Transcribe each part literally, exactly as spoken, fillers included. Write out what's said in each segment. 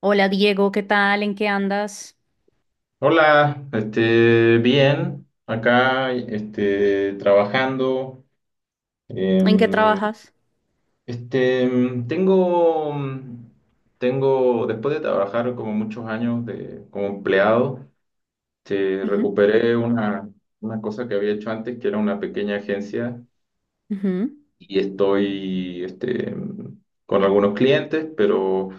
Hola Diego, ¿qué tal? ¿En qué andas? Hola, este, bien, acá, este, trabajando. ¿En qué em, trabajas? este, em, tengo, mm, tengo, después de trabajar como muchos años de, como empleado, este, Ujú, recuperé una, una cosa que había hecho antes, que era una pequeña agencia, ujú, y estoy, este, em, con algunos clientes, pero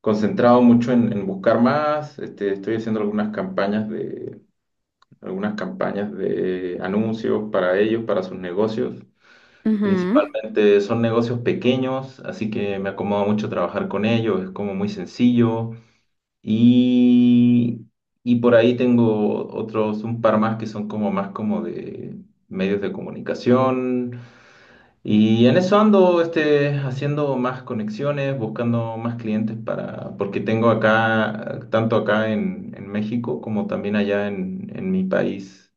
concentrado mucho en, en buscar más. Este, estoy haciendo algunas campañas algunas campañas de anuncios para ellos, para sus negocios. ujú. Principalmente son negocios pequeños, así que me acomoda mucho trabajar con ellos, es como muy sencillo. Y, y por ahí tengo otros, un par más que son como más como de medios de comunicación. Y en eso ando este, haciendo más conexiones, buscando más clientes para, porque tengo acá, tanto acá en, en México como también allá en, en mi país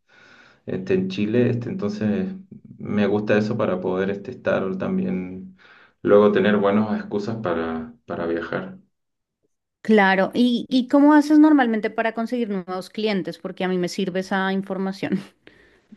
este, en Chile, este, entonces me gusta eso para poder este, estar también, luego tener buenas excusas para, para viajar. Claro. ¿Y, y cómo haces normalmente para conseguir nuevos clientes? Porque a mí me sirve esa información.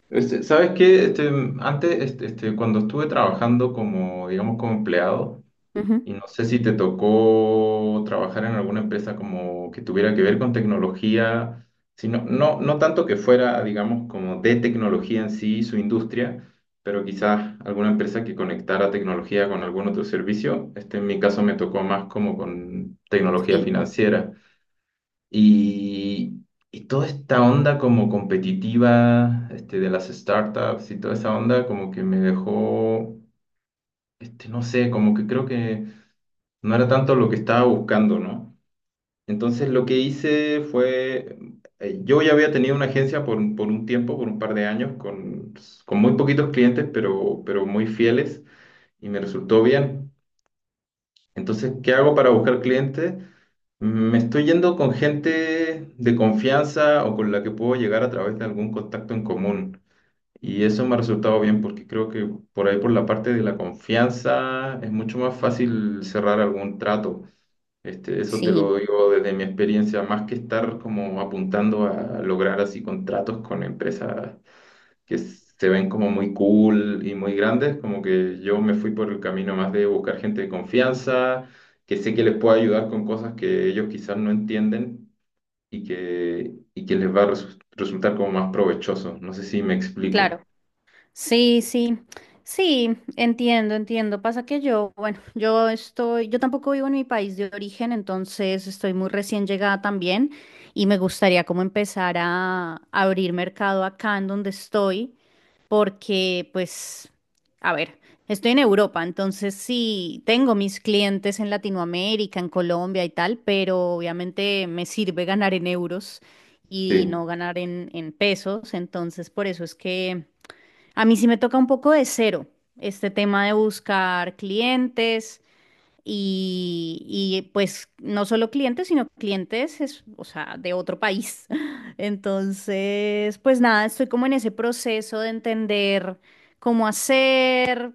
Este, ¿sabes qué? Este, antes, este, este, cuando estuve trabajando como, digamos, como empleado. Ujú. Y no sé si te tocó trabajar en alguna empresa como que tuviera que ver con tecnología, sino, no, no no tanto que fuera, digamos, como de tecnología en sí, su industria, pero quizás alguna empresa que conectara tecnología con algún otro servicio. Este en mi caso me tocó más como con tecnología Sí, financiera. Y, y toda esta onda como competitiva, este, de las startups y toda esa onda como que me dejó, este, no sé, como que creo que no era tanto lo que estaba buscando, ¿no? Entonces lo que hice fue, eh, yo ya había tenido una agencia por, un- por un tiempo, por un par de años, con, con muy poquitos clientes, pero, pero muy fieles y me resultó bien. Entonces, ¿qué hago para buscar clientes? Me estoy yendo con gente de confianza o con la que puedo llegar a través de algún contacto en común. Y eso me ha resultado bien porque creo que por ahí, por la parte de la confianza, es mucho más fácil cerrar algún trato. Este, eso te sí, lo digo desde mi experiencia, más que estar como apuntando a lograr así contratos con empresas que se ven como muy cool y muy grandes, como que yo me fui por el camino más de buscar gente de confianza, que sé que les puedo ayudar con cosas que ellos quizás no entienden y que, y que les va a resu- resultar como más provechoso. ¿No sé si me explico? claro. Sí, sí, sí, entiendo, entiendo. Pasa que yo, bueno, yo estoy, yo tampoco vivo en mi país de origen, entonces estoy muy recién llegada también y me gustaría como empezar a abrir mercado acá en donde estoy. Porque pues, a ver, estoy en Europa, entonces sí, tengo mis clientes en Latinoamérica, en Colombia y tal, pero obviamente me sirve ganar en euros y Sí. no ganar en, en pesos, entonces por eso es que a mí sí me toca un poco de cero este tema de buscar clientes. Y, y, pues no solo clientes, sino clientes, es, o sea, de otro país. Entonces, pues nada, estoy como en ese proceso de entender cómo hacer,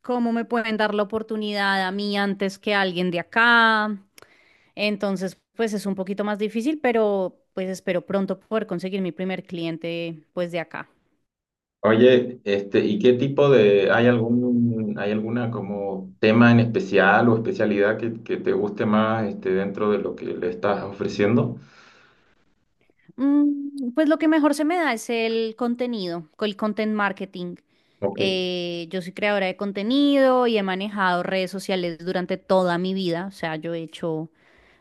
cómo me pueden dar la oportunidad a mí antes que a alguien de acá. Entonces, pues es un poquito más difícil, pero pues espero pronto poder conseguir mi primer cliente pues de acá. Oye, este, ¿y qué tipo de, hay algún, hay alguna como tema en especial o especialidad que, que te guste más, este, dentro de lo que le estás ofreciendo? Mm, Pues lo que mejor se me da es el contenido, con el content marketing. Ok. Eh, yo soy creadora de contenido y he manejado redes sociales durante toda mi vida. O sea, yo he hecho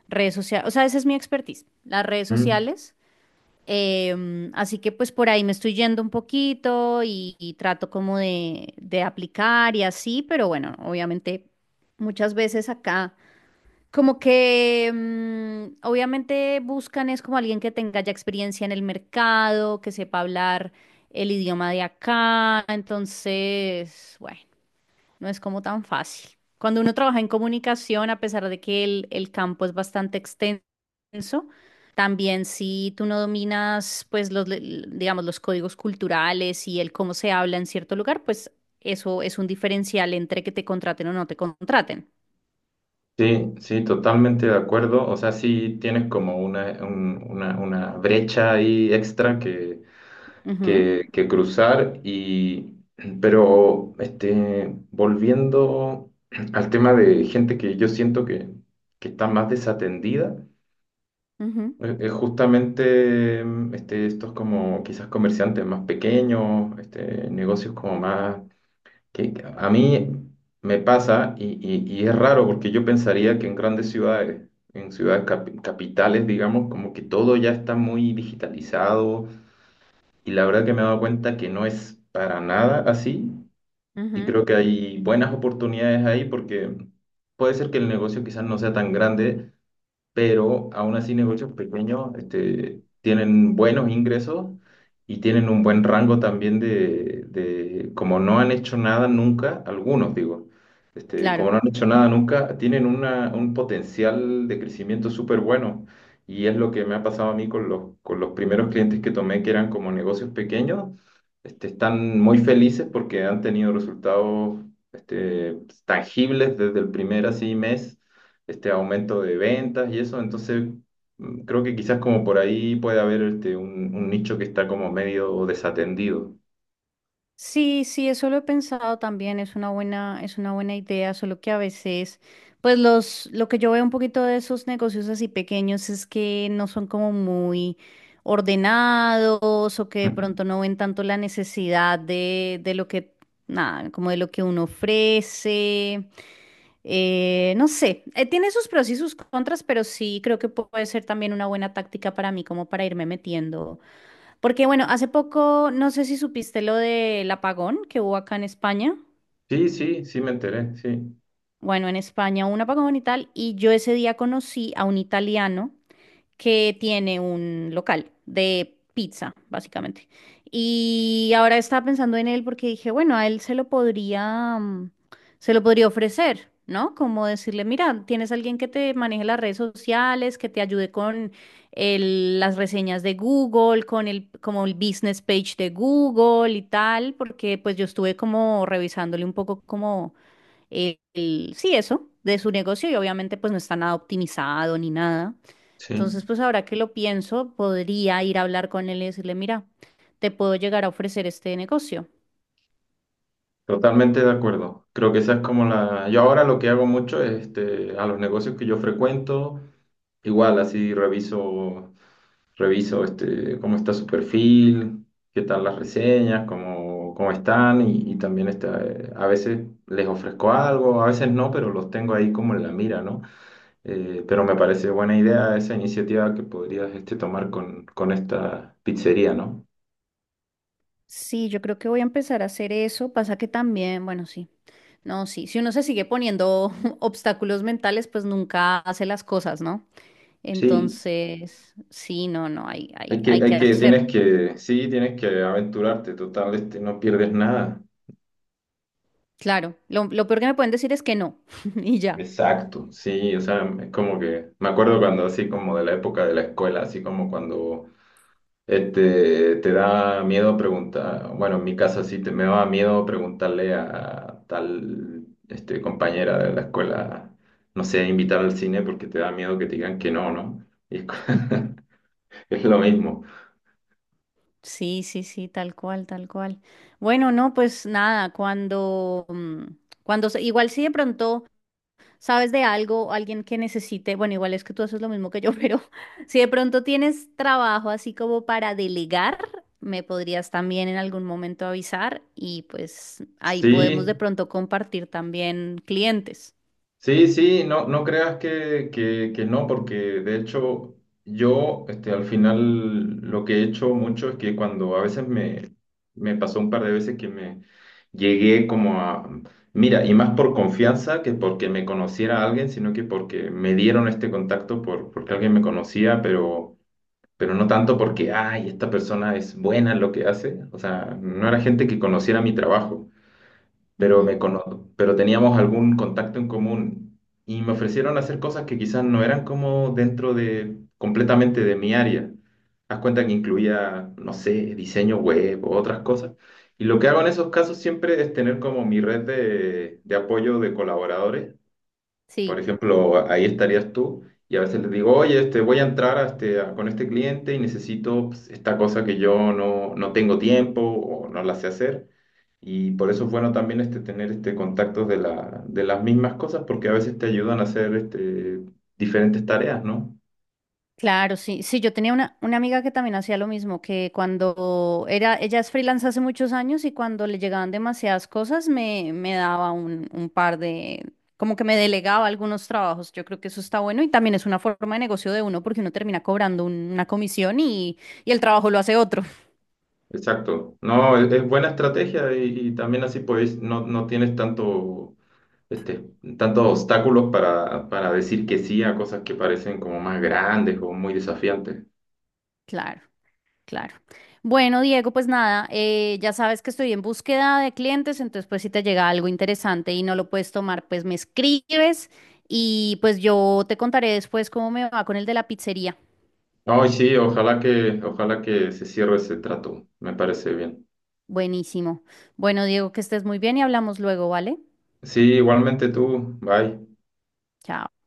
redes sociales, o sea, esa es mi expertise, las redes Mm, sociales. Em, así que pues por ahí me estoy yendo un poquito y, y trato como de, de aplicar y así, pero bueno, obviamente muchas veces acá. Como que mm, obviamente buscan es como alguien que tenga ya experiencia en el mercado, que sepa hablar el idioma de acá, entonces, bueno, no es como tan fácil. Cuando uno trabaja en comunicación, a pesar de que el, el campo es bastante extenso, también si tú no dominas, pues, los, le- digamos, los códigos culturales y el cómo se habla en cierto lugar, pues eso es un diferencial entre que te contraten o no te contraten. sí, sí, totalmente de acuerdo. O sea, sí tienes como una, un- una, una brecha ahí extra que, Ujú, que, que cruzar y, pero, este, volviendo al tema de gente que yo siento que, que está más desatendida. ujú, Es es justamente mm, este, estos como quizás comerciantes más pequeños, este, negocios como más... que que a mí me pasa y, y- y es raro porque yo pensaría que en grandes ciudades, en ciudades capi- capitales, digamos, como que todo ya está muy digitalizado y la verdad que me he dado cuenta que no es para nada así y ujú. creo que hay buenas oportunidades ahí porque puede ser que el negocio quizás no sea tan grande pero aún así negocios pequeños este, tienen buenos ingresos y tienen un buen rango también de, de- como no han hecho nada nunca, algunos digo, este, Claro. como no han hecho nada nunca, tienen una, un potencial de crecimiento súper bueno. Y es lo que me ha pasado a mí con los, con los primeros clientes que tomé, que eran como negocios pequeños, este, están muy felices porque han tenido resultados este, tangibles desde el primer así mes este aumento de ventas y eso. Entonces, mm, creo que quizás como por ahí puede haber este, un, un nicho que está como medio desatendido. Sí, sí, eso lo he pensado también, es una buena, es una buena idea, solo que a veces, pues los, lo que yo veo un poquito de esos negocios así pequeños es que no son como muy ordenados o que de Ujú. pronto no ven tanto la necesidad de, de lo que, nada, como de lo que uno ofrece. Eh, no sé, eh, tiene sus pros y sus contras, pero sí creo que puede ser también una buena táctica para mí, como para irme metiendo. Porque bueno, hace poco, no sé si supiste lo del apagón que hubo acá en España. Sí, sí, sí me enteré, sí, Bueno, en España hubo un apagón y tal, y yo ese día conocí a un italiano que tiene un local de pizza, básicamente. Y ahora estaba pensando en él porque dije, bueno, a él se lo podría, mm, se lo podría ofrecer, ¿no? Como decirle, mira, tienes alguien que te maneje las redes sociales, que te ayude con el- las reseñas de Google, con el, como el business page de Google y tal, porque pues yo estuve como revisándole un poco como el, el- sí, eso, de su negocio y obviamente pues no está nada optimizado ni nada. Entonces, sí, pues ahora que lo pienso, podría ir a hablar con él y decirle, mira, te puedo llegar a ofrecer este negocio. totalmente de acuerdo. Creo que esa es como la... Yo ahora lo que hago mucho es este, a los negocios que yo frecuento, igual así reviso. Reviso este, cómo está su perfil, qué tal las reseñas, cómo, cómo están y, y también está, eh, a veces les ofrezco algo, a veces no, pero los tengo ahí como en la mira, ¿no? Eh, pero me parece buena idea esa iniciativa que podrías este, tomar con, con esta pizzería, ¿no? Sí, yo creo que voy a empezar a hacer eso. Pasa que también, bueno, sí. No, sí. Si uno se sigue poniendo obstáculos mentales, pues nunca hace las cosas, ¿no? Sí, Entonces, sí, no, no, hay, hay hay, que, hay que hay que, hacerlo. tienes que, sí, tienes que aventurarte, total, este, no pierdes nada. Claro. Lo, lo peor que me pueden decir es que no. Y ya. Exacto, sí, o sea, es como que, me acuerdo cuando así como de la época de la escuela, así como cuando Este, te da miedo preguntar, bueno, en mi caso sí, te, me daba miedo preguntarle a tal este, compañera de la escuela, no sé, invitar al cine porque te da miedo que te digan que no, ¿no? Y es, co- es lo mismo. Sí, sí, sí, tal cual, tal cual. Bueno, no, pues nada, cuando, mm, cuando, se- igual si de pronto. ¿Sabes de algo, alguien que necesite? Bueno, igual es que tú haces lo mismo que yo, pero si de pronto tienes trabajo así como para delegar, me podrías también en algún momento avisar y pues ahí podemos de Sí, pronto compartir también clientes. sí, sí, no, no creas que, que, que no, porque de hecho yo este, al final lo que he hecho mucho es que cuando a veces me, me pasó un par de veces que me llegué como a, mira, y más por confianza que porque me conociera alguien, sino que porque me dieron este contacto por, porque alguien me conocía, pero, pero no tanto porque, ay, esta persona es buena en lo que hace, o sea, no era gente que conociera mi trabajo pero me Ujú, cono- pero teníamos algún contacto en común y me ofrecieron hacer cosas que quizás no eran como dentro de completamente de mi área. Haz cuenta que incluía, no sé, diseño web o otras cosas. Y lo que hago en esos casos siempre es tener como mi red de, de apoyo de colaboradores. Por Sí. ejemplo, ahí estarías tú y a veces les digo, oye, este, voy a entrar a este, a- con este cliente y necesito pues, esta cosa que yo no, no tengo tiempo o no la sé hacer. Y por eso es bueno también este, tener este, contactos de la, de las mismas cosas, porque a veces te ayudan a hacer este, diferentes tareas, ¿no? Claro, sí, sí, yo tenía una, una amiga que también hacía lo mismo, que cuando era, ella es freelance hace muchos años y cuando le llegaban demasiadas cosas me, me daba un, un par de, como que me delegaba algunos trabajos, yo creo que eso está bueno y también es una forma de negocio de uno porque uno termina cobrando un- una comisión y, y el trabajo lo hace otro. Exacto. No, es, es buena estrategia y, y también así pues no, no tienes tanto, este, tantos obstáculos para, para decir que sí a cosas que parecen como más grandes o muy desafiantes. Claro. Claro. Bueno, Diego, pues nada, eh, ya sabes que estoy en búsqueda de clientes, entonces pues si te llega algo interesante y no lo puedes tomar, pues me escribes y pues yo te contaré después cómo me va con el de la pizzería. Ay, sí, ojalá que, ojalá que se cierre ese trato. Me parece bien. Buenísimo. Bueno, Diego, que estés muy bien y hablamos luego, ¿vale? Sí, igualmente tú. Bye. Chao.